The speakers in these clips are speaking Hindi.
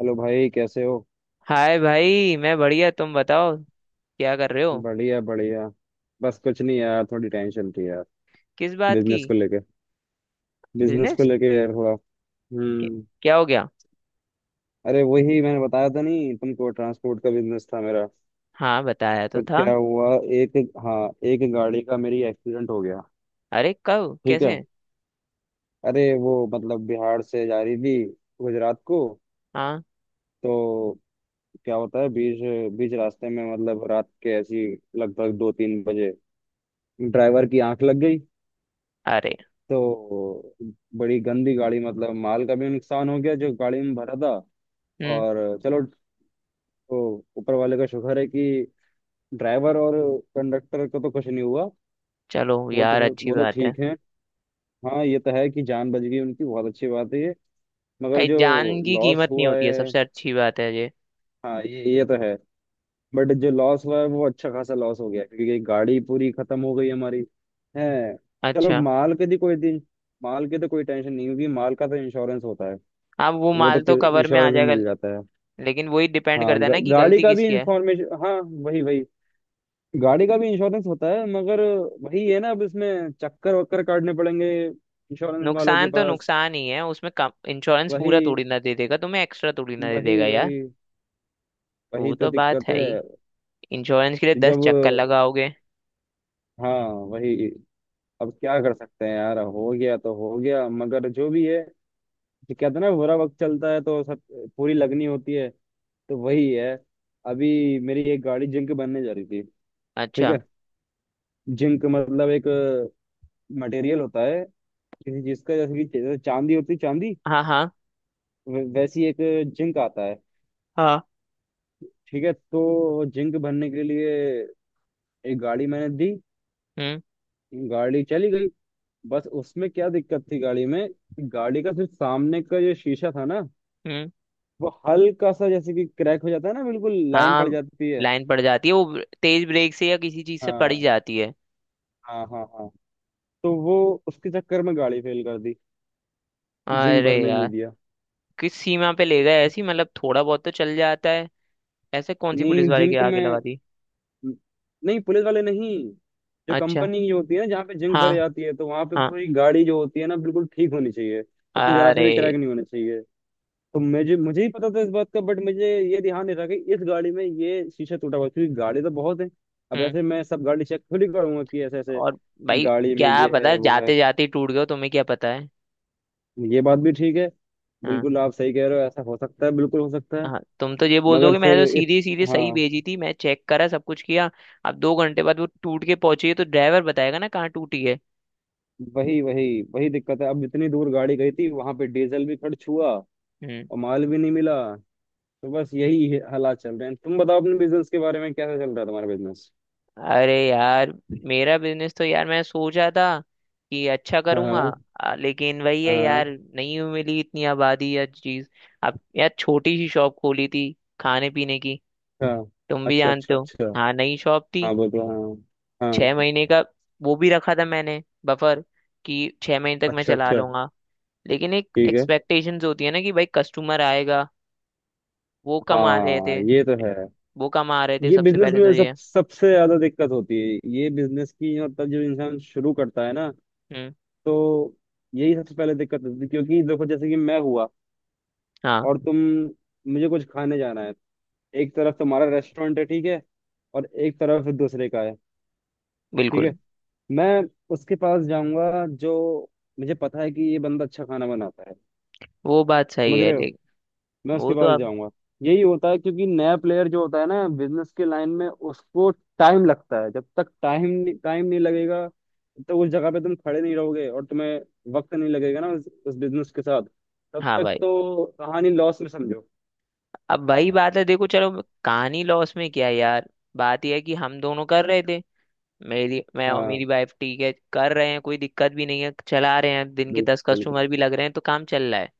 हेलो भाई कैसे हो। हाय भाई, मैं बढ़िया। तुम बताओ क्या कर रहे हो। बढ़िया, बढ़िया। बस कुछ नहीं यार, थोड़ी टेंशन थी यार। किस बात की। बिजनेस को लेके बिजनेस को बिजनेस लेके यार हुआ। हम्म। क्या हो गया। अरे वही मैंने बताया था नहीं तुमको, ट्रांसपोर्ट का बिजनेस था मेरा। हाँ, बताया तो तो था। क्या हुआ? एक हाँ। एक गाड़ी का मेरी एक्सीडेंट हो गया। अरे कब ठीक है। कैसे। अरे वो मतलब बिहार से जा रही थी गुजरात को। हाँ। तो क्या होता है, बीच बीच रास्ते में मतलब रात के ऐसी लगभग 2-3 बजे ड्राइवर की आंख लग गई। अरे। तो बड़ी गंदी गाड़ी, मतलब माल का भी नुकसान हो गया जो गाड़ी में भरा था। हम्म। और चलो, वो ऊपर वाले का शुक्र है कि ड्राइवर और कंडक्टर को तो कुछ नहीं हुआ। चलो वो तो यार, अच्छी वो तो बात है। ठीक है। हाँ, ये तो है कि जान बच गई उनकी, बहुत अच्छी बात है ये। मगर अरे, जो जान की लॉस कीमत नहीं हुआ होती है, है। सबसे अच्छी बात है ये। हाँ, ये तो है। बट जो लॉस हुआ है वो अच्छा खासा लॉस हो गया क्योंकि गाड़ी पूरी खत्म हो गई हमारी। है। चलो, अच्छा। माल की तो कोई टेंशन नहीं होगी, माल का तो इंश्योरेंस होता है। अब वो वो तो माल तो कवर में आ इंश्योरेंस में जाएगा। मिल जाता है। लेकिन वही डिपेंड हाँ, करता है ना कि गाड़ी गलती का भी किसकी है। इंफॉर्मेशन, हाँ। वही, वही। गाड़ी का भी इंश्योरेंस होता है मगर वही है ना, अब इसमें चक्कर वक्कर काटने पड़ेंगे इंश्योरेंस वालों के नुकसान तो पास। नुकसान ही है उसमें, कम इंश्योरेंस पूरा थोड़ी वही, ना दे देगा तुम्हें, एक्स्ट्रा थोड़ी ना दे वही, देगा यार। वही, वही वो तो तो बात दिक्कत है है। ही। इंश्योरेंस के लिए दस जब, चक्कर लगाओगे। हाँ, वही, अब क्या कर सकते हैं यार, हो गया तो हो गया मगर जो भी है। जो कहते हैं ना, बुरा वक्त चलता है तो सब पूरी लगनी होती है, तो वही है। अभी मेरी एक गाड़ी जिंक बनने जा रही थी। ठीक अच्छा। है। जिंक मतलब एक मटेरियल होता है किसी चीज का, जैसे कि चांदी होती है चांदी। हाँ हाँ वैसी एक जिंक आता है। हाँ। ठीक है, तो जिंक भरने के लिए एक गाड़ी मैंने दी। हम्म। गाड़ी चली गई। बस उसमें क्या दिक्कत थी गाड़ी में। गाड़ी का सिर्फ सामने का जो शीशा था ना, हम्म। वो हल्का सा जैसे कि क्रैक हो जाता है ना, बिल्कुल लाइन हाँ, पड़ जाती है। लाइन पड़ जाती है वो तेज ब्रेक से या किसी चीज से पड़ ही हाँ, जाती है। हाँ, हाँ, हाँ। तो वो उसके चक्कर में गाड़ी फेल कर दी। जिंक अरे भरने यार। नहीं दिया। किस सीमा पे ले गए, ऐसी मतलब थोड़ा बहुत तो चल जाता है। ऐसे कौन सी नहीं, पुलिस वाले के जिंक आगे में। लगा दी। नहीं, पुलिस वाले नहीं। जो अच्छा। कंपनी की होती है ना, जहाँ पे जिंक हाँ भर जाती है, तो वहां पे हाँ। पूरी गाड़ी जो होती है ना, बिल्कुल ठीक होनी चाहिए। उसमें जरा सा अरे। भी क्रैक नहीं होना चाहिए। तो मुझे मुझे ही पता था इस बात का, बट मुझे ये ध्यान नहीं रहा कि इस गाड़ी में ये शीशा टूटा हुआ है क्योंकि गाड़ी तो बहुत है। अब हम्म। ऐसे मैं सब गाड़ी चेक थोड़ी करूंगा कि ऐसे ऐसे और। कि भाई। गाड़ी में क्या ये पता है वो है। जाते जाते ही टूट गए हो, तुम्हें क्या पता है। ये बात भी ठीक है। हाँ। बिल्कुल आप सही कह रहे हो, ऐसा हो सकता है, बिल्कुल हो सकता है। हाँ, तुम तो ये बोल मगर दोगे, मैंने फिर तो सीधी सीधी सही हाँ, भेजी थी, मैं चेक करा सब कुछ किया। अब 2 घंटे बाद वो टूट के पहुंची है तो ड्राइवर बताएगा ना कहाँ टूटी वही, वही, वही दिक्कत है। अब इतनी दूर गाड़ी गई थी, वहां पे डीजल भी खर्च हुआ है। और माल भी नहीं मिला। तो बस यही है, हालात चल रहे हैं। तुम बताओ अपने बिजनेस के बारे में, कैसा चल रहा है तुम्हारा बिजनेस? अरे यार, मेरा बिजनेस तो यार मैं सोचा था कि अच्छा हाँ, करूंगा। हाँ, लेकिन वही है हाँ, यार। नहीं मिली इतनी आबादी या चीज। अब यार, छोटी सी शॉप खोली थी खाने पीने की। हाँ, तुम भी अच्छा, जानते अच्छा, हो। अच्छा। हाँ, नई शॉप थी। हाँ, बोलो, हाँ। हाँ, 6 महीने का वो भी रखा था मैंने बफर, कि 6 महीने तक मैं अच्छा, चला अच्छा, लूंगा। लेकिन एक ठीक है। एक्सपेक्टेशंस होती है ना कि भाई कस्टमर आएगा। वो कम आ रहे थे। हाँ, ये तो है। वो कम आ रहे थे ये सबसे बिजनेस पहले तो में सब ये। सबसे ज्यादा दिक्कत होती है, ये बिजनेस की मतलब जो इंसान शुरू करता है ना, हम्म। तो यही सबसे पहले दिक्कत होती है क्योंकि देखो जैसे कि मैं हुआ हाँ। और तुम। मुझे कुछ खाने जाना है। एक तरफ तुम्हारा रेस्टोरेंट है, ठीक है, और एक तरफ दूसरे का है। ठीक है। बिल्कुल। मैं उसके पास जाऊंगा जो मुझे पता है कि ये बंदा अच्छा खाना बनाता है। वो बात सही समझ है। रहे हो? मैं वो उसके तो पास अब। जाऊंगा। यही होता है क्योंकि नया प्लेयर जो होता है ना बिजनेस के लाइन में, उसको टाइम लगता है। जब तक टाइम टाइम नहीं लगेगा, तो उस जगह पे तुम खड़े नहीं रहोगे और तुम्हें वक्त नहीं लगेगा ना उस बिजनेस के साथ, तब हाँ तक भाई, तो कहानी लॉस में समझो। अब वही बात है, देखो चलो। कहानी लॉस में क्या है यार। बात यह है कि हम दोनों कर रहे थे। मेरी, मैं और हाँ, मेरी वाइफ, ठीक है, कर रहे हैं, कोई दिक्कत भी नहीं है, चला रहे हैं, दिन के दस बिल्कुल, कस्टमर भी लग रहे हैं तो काम चल रहा है।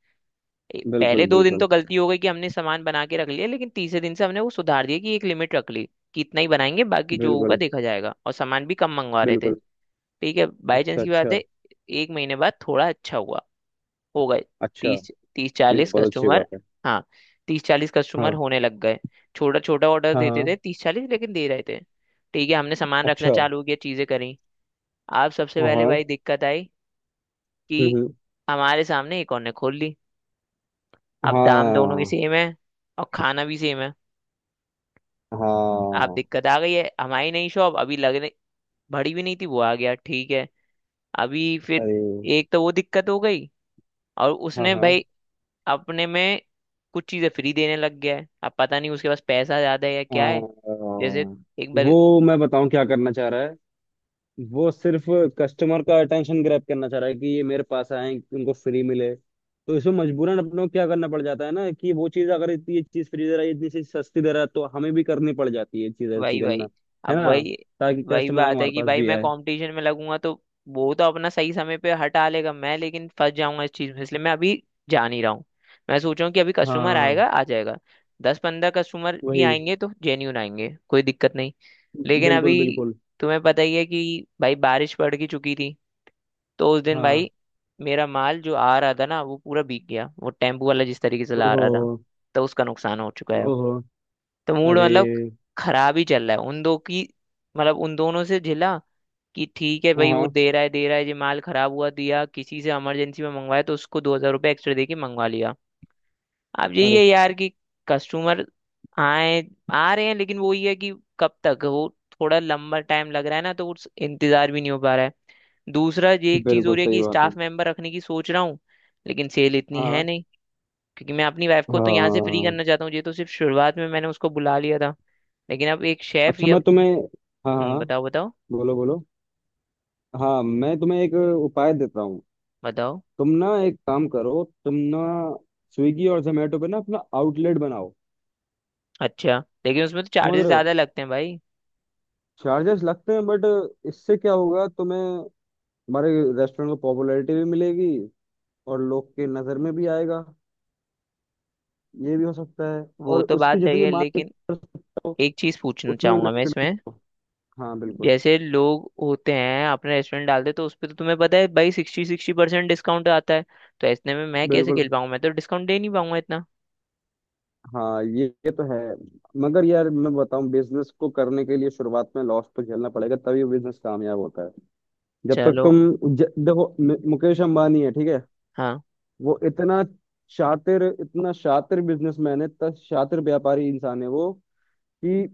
बिल्कुल, पहले 2 दिन तो बिल्कुल, गलती हो गई कि हमने सामान बना के रख लिया, लेकिन तीसरे दिन से हमने वो सुधार दिया कि एक लिमिट रख ली कि इतना ही बनाएंगे, बाकी जो होगा बिल्कुल, देखा जाएगा, और सामान भी कम मंगवा रहे थे। बिल्कुल, ठीक है, बाई चांस अच्छा, की बात अच्छा, है। 1 महीने बाद थोड़ा अच्छा हुआ, हो गए अच्छा। तीस तीस ये तो चालीस बहुत अच्छी कस्टमर बात है। हाँ। 30 40 कस्टमर हाँ, होने लग गए। छोटा छोटा ऑर्डर हाँ, देते थे, हाँ। 30 40, लेकिन दे रहे थे। ठीक है, हमने सामान रखना अच्छा। चालू किया, चीजें करी। अब सबसे पहले हाँ, भाई दिक्कत आई कि हम्म, हमारे सामने एक और ने खोल ली। अब दाम दोनों के हाँ, सेम है। और खाना भी सेम है। अब हाँ, दिक्कत आ गई है, हमारी नई शॉप अभी लगने भरी भी नहीं थी, वो आ गया, ठीक है। अभी फिर अरे, एक तो वो दिक्कत हो गई। और हाँ, उसने हाँ, भाई अपने में कुछ चीजें फ्री देने लग गया है। अब पता नहीं उसके पास पैसा ज्यादा है या क्या हाँ। है। जैसे एक बार। वो मैं बताऊं क्या करना चाह रहा है। वो सिर्फ कस्टमर का अटेंशन ग्रैब करना चाह रहा है कि ये मेरे पास आए उनको फ्री मिले, तो इसमें मजबूरन अपने को क्या करना पड़ जाता है ना कि वो चीज अगर इतनी, ये चीज फ्री दे रहा है, इतनी चीज सस्ती दे रहा है, तो हमें भी करनी पड़ जाती है ये चीज ऐसी भाई भाई, करना, है अब ना, वही ताकि वही कस्टमर बात है हमारे कि पास भाई भी मैं आए। कंपटीशन में लगूंगा तो वो तो अपना सही समय पे हटा लेगा, मैं लेकिन फंस जाऊंगा इस चीज में, इसलिए मैं अभी जा नहीं रहा हूँ। मैं सोच रहा हूँ कि अभी कस्टमर हाँ, आएगा आ जाएगा। 10 15 कस्टमर भी वही, आएंगे तो जेन्यून आएंगे, कोई दिक्कत नहीं। लेकिन बिल्कुल, अभी, बिल्कुल, तुम्हें पता ही है कि भाई बारिश पड़ की चुकी थी, तो उस दिन हाँ, भाई मेरा माल जो आ रहा था ना, वो पूरा भीग गया, वो टेम्पू वाला जिस तरीके से ला ओहो, रहा था। तो उसका नुकसान हो चुका है अब। ओहो, तो मूड अरे, मतलब खराब ही चल रहा है उन दो की। मतलब उन दोनों से झिला कि ठीक है हाँ, भाई, वो हाँ, दे रहा है दे रहा है, जो माल खराब हुआ दिया, किसी से इमरजेंसी में मंगवाया तो उसको 2,000 रुपये एक्स्ट्रा दे के मंगवा लिया। अब यही अरे है यार कि कस्टमर आए, आ रहे हैं, लेकिन वो ये है कि कब तक वो, थोड़ा लंबा टाइम लग रहा है ना, तो उस इंतजार भी नहीं हो पा रहा है। दूसरा ये एक चीज हो बिल्कुल रही है सही कि बात है, स्टाफ मेंबर रखने की सोच रहा हूँ, लेकिन सेल इतनी है हाँ, नहीं। क्योंकि मैं अपनी वाइफ को तो यहाँ से फ्री हाँ, करना चाहता हूँ, ये तो सिर्फ शुरुआत में मैंने उसको बुला लिया था, लेकिन अब एक शेफ अच्छा, या मैं तुम्हें, हाँ, हाँ, हाँ। बताओ बताओ बोलो, बोलो। हाँ, मैं तुम्हें एक उपाय देता हूँ। बताओ। तुम ना एक काम करो, तुम ना स्विगी और जोमेटो पे ना अपना आउटलेट बनाओ। अच्छा, लेकिन उसमें तो समझ चार्जेस रहे हो? ज्यादा लगते हैं भाई। चार्जेस लगते हैं बट इससे क्या होगा तुम्हें, हमारे रेस्टोरेंट को पॉपुलैरिटी भी मिलेगी और लोग के नज़र में भी आएगा, ये भी हो सकता है, वो और तो बात उसकी सही जितनी है, मार्केट लेकिन कर सकते हो एक चीज पूछना उतनी चाहूंगा मैं मार्केट। इसमें। हाँ, बिल्कुल, जैसे लोग होते हैं अपना रेस्टोरेंट डालते तो उस पर तो तुम्हें पता है भाई सिक्सटी सिक्सटी परसेंट डिस्काउंट आता है। तो इतने में मैं कैसे बिल्कुल। खेल पाऊंगा, मैं तो डिस्काउंट दे नहीं पाऊंगा इतना। हाँ, ये तो है। मगर यार मैं बताऊं, बिजनेस को करने के लिए शुरुआत में लॉस तो झेलना पड़ेगा तभी वो बिजनेस कामयाब होता है। जब तक चलो। तुम देखो मुकेश अंबानी है, ठीक है। हाँ। वो इतना शातिर, इतना शातिर बिजनेसमैन है, इतना शातिर व्यापारी इंसान है वो कि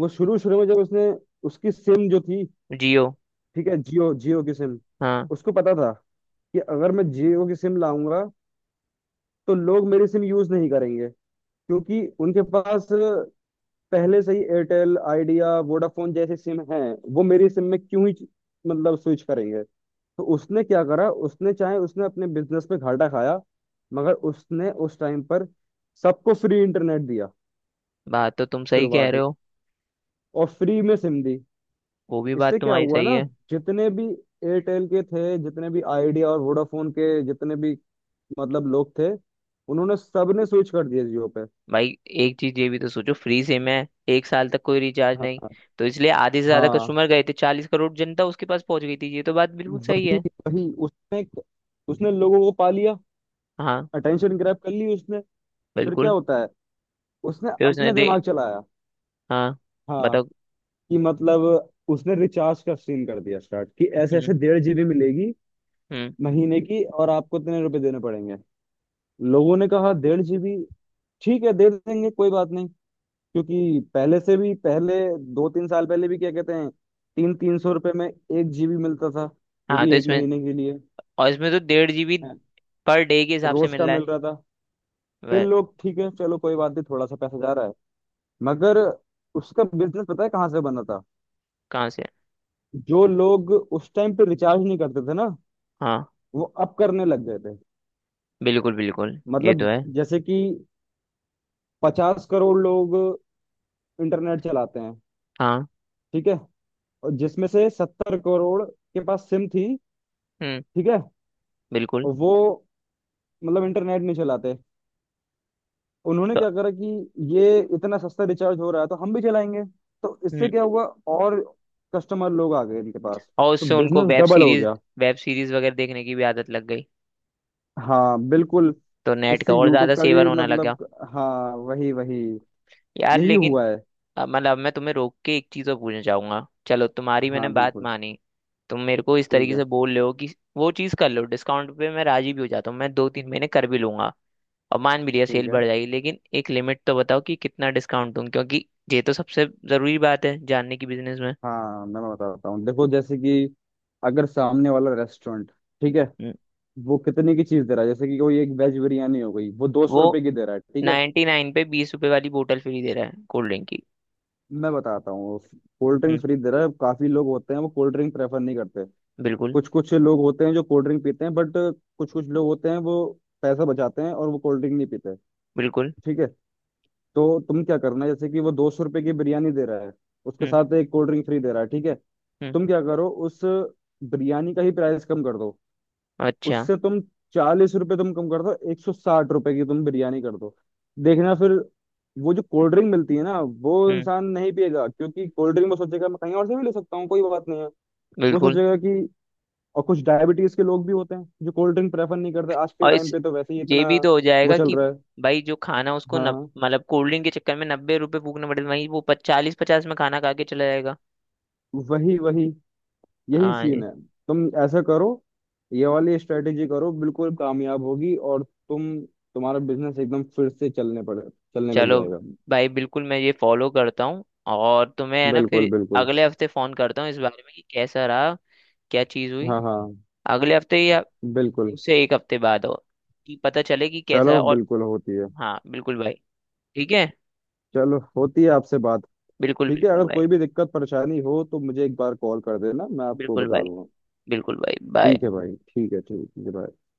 वो शुरू शुरू में जब उसने उसकी सिम जो थी, जियो। ठीक है, जियो जियो की सिम। हाँ। उसको पता था कि अगर मैं जियो की सिम लाऊंगा तो लोग मेरी सिम यूज नहीं करेंगे क्योंकि उनके पास पहले से ही एयरटेल, आइडिया, वोडाफोन जैसे सिम हैं। वो मेरी सिम में क्यों ही मतलब स्विच करेंगे, तो उसने क्या करा, उसने चाहे उसने अपने बिजनेस में घाटा खाया मगर उसने उस टाइम पर सबको फ्री इंटरनेट दिया बात तो तुम सही कह शुरुआत रहे में, हो। और फ्री में सिम दी। वो भी बात इससे क्या तुम्हारी हुआ सही ना, है। जितने भी एयरटेल के थे, जितने भी आइडिया और वोडाफोन के, जितने भी मतलब लोग थे, उन्होंने सबने स्विच कर दिया जियो पे। भाई एक चीज ये भी तो सोचो, फ्री सिम है, 1 साल तक कोई रिचार्ज हाँ, नहीं, तो इसलिए आधे से ज्यादा हाँ, कस्टमर गए थे, 40 करोड़ जनता उसके पास पहुंच गई थी। ये तो बात बिल्कुल सही वही, है। वही, उसने उसने लोगों को पा लिया, हाँ। अटेंशन ग्रैब कर ली उसने। फिर क्या बिल्कुल। होता है, उसने फिर उसने अपना दे। दिमाग चलाया। हाँ। हाँ। बताओ। कि मतलब उसने रिचार्ज का सीन कर दिया स्टार्ट कि ऐसे ऐसे हम्म। 1.5 GB मिलेगी हम्म। महीने की, और आपको इतने रुपए देने पड़ेंगे। लोगों ने कहा 1.5 GB, ठीक है, दे देंगे कोई बात नहीं। क्योंकि पहले से भी पहले दो तीन साल पहले भी क्या कहते हैं, तीन तीन सौ रुपये में 1 GB मिलता था, वो हाँ भी तो एक इसमें। महीने के लिए। और इसमें तो 1.5 GB हैं, पर डे के हिसाब से रोज मिल का रहा है। मिल रहा था। फिर वह। लोग, ठीक है, चलो, कोई बात नहीं, थोड़ा सा पैसा जा रहा है, मगर उसका बिजनेस पता है कहाँ से बना था? कहाँ से। जो लोग उस टाइम पे रिचार्ज नहीं करते थे ना, हाँ। वो अब करने लग गए थे। बिल्कुल बिल्कुल, ये तो मतलब है। जैसे कि 50 करोड़ लोग इंटरनेट चलाते हैं, हाँ। ठीक है, और जिसमें से 70 करोड़ के पास सिम थी, हम्म। ठीक है। बिल्कुल। और वो मतलब इंटरनेट नहीं चलाते, उन्होंने तो। क्या करा कि ये इतना सस्ता रिचार्ज हो रहा है तो हम भी चलाएंगे, तो इससे हम्म। क्या हुआ, और कस्टमर लोग आ गए इनके पास, और तो उससे उनको बिजनेस वेब डबल हो सीरीज, गया। वेब सीरीज वगैरह देखने की भी आदत लग गई। हाँ बिल्कुल, तो नेट का इससे और यूट्यूब ज्यादा का सेवन भी होने लगा। मतलब, हाँ, वही, वही, यार यही लेकिन, हुआ है। अब मतलब, अब मैं तुम्हें रोक के एक चीज और पूछना चाहूंगा। चलो, तुम्हारी मैंने हाँ, बात बिल्कुल, मानी। तुम मेरे को इस ठीक तरीके है, से बोल रहे हो कि वो चीज कर लो, डिस्काउंट पे मैं राजी भी हो जाता हूँ, मैं 2 3 महीने कर भी लूंगा और मान भी लिया ठीक सेल है। बढ़ जाएगी, लेकिन एक लिमिट तो बताओ कि कितना डिस्काउंट दूं, क्योंकि ये तो सबसे जरूरी बात है जानने की बिजनेस में। हाँ, मैं बताता हूँ, देखो जैसे कि अगर सामने वाला रेस्टोरेंट, ठीक है, हम्म, वो कितने की चीज दे रहा है, जैसे कि कोई एक वेज बिरयानी हो गई वो दो सौ वो रुपए की दे रहा है, ठीक है। 99 पे 20 रुपए वाली बोतल फ्री दे रहा है कोल्ड ड्रिंक की। मैं बताता हूँ, कोल्ड ड्रिंक हम्म। फ्री दे रहा है, काफी लोग होते हैं वो कोल्ड ड्रिंक प्रेफर नहीं करते। बिल्कुल। कुछ कुछ लोग होते हैं जो कोल्ड ड्रिंक पीते हैं बट कुछ कुछ लोग होते हैं वो पैसा बचाते हैं और वो कोल्ड ड्रिंक नहीं पीते। बिल्कुल। ठीक है, तो तुम क्या करना, जैसे कि वो 200 रुपए की बिरयानी दे रहा है, उसके हम्म। साथ एक कोल्ड ड्रिंक फ्री दे रहा है, ठीक है। हम्म। तुम क्या करो, उस बिरयानी का ही प्राइस कम कर दो, अच्छा। उससे तुम 40 रुपए तुम कम कर दो, 160 रुपए की तुम बिरयानी कर दो। देखना फिर, वो जो कोल्ड ड्रिंक मिलती है ना वो हम्म। इंसान नहीं पिएगा, क्योंकि कोल्ड ड्रिंक वो सोचेगा मैं कहीं और से भी ले सकता हूँ कोई बात नहीं है। वो बिल्कुल। सोचेगा कि, और कुछ डायबिटीज के लोग भी होते हैं जो कोल्ड ड्रिंक प्रेफर नहीं करते आज के और टाइम इस, पे, तो वैसे ही इतना ये भी तो हो वो जाएगा चल कि रहा है। भाई, जो खाना उसको हाँ, मतलब कोल्ड ड्रिंक के चक्कर में 90 रुपए फूकने पड़े, वहीं वो 40 50 में खाना खा के चला जाएगा। वही, वही, यही हाँ सीन ये। है। तुम ऐसा करो, ये वाली स्ट्रेटेजी करो, बिल्कुल कामयाब होगी और तुम तुम्हारा बिजनेस एकदम फिर से चलने लग चलो जाएगा। भाई, बिल्कुल मैं ये फॉलो करता हूँ। और तुम्हें है ना बिल्कुल, फिर, बिल्कुल। अगले हफ्ते फोन करता हूँ इस बारे में कि कैसा रहा, क्या चीज़ हुई। हाँ, हाँ, अगले हफ्ते या बिल्कुल। उससे एक हफ्ते बाद हो कि पता चले कि कैसा है। चलो, और बिल्कुल होती है। हाँ बिल्कुल भाई, ठीक है। चलो, होती है आपसे बात, बिल्कुल ठीक है, बिल्कुल अगर भाई। कोई भी दिक्कत परेशानी हो तो मुझे एक बार कॉल कर देना, मैं आपको बिल्कुल बता भाई। दूंगा। बिल्कुल भाई बाय। ठीक है भाई, ठीक है, ठीक है भाई।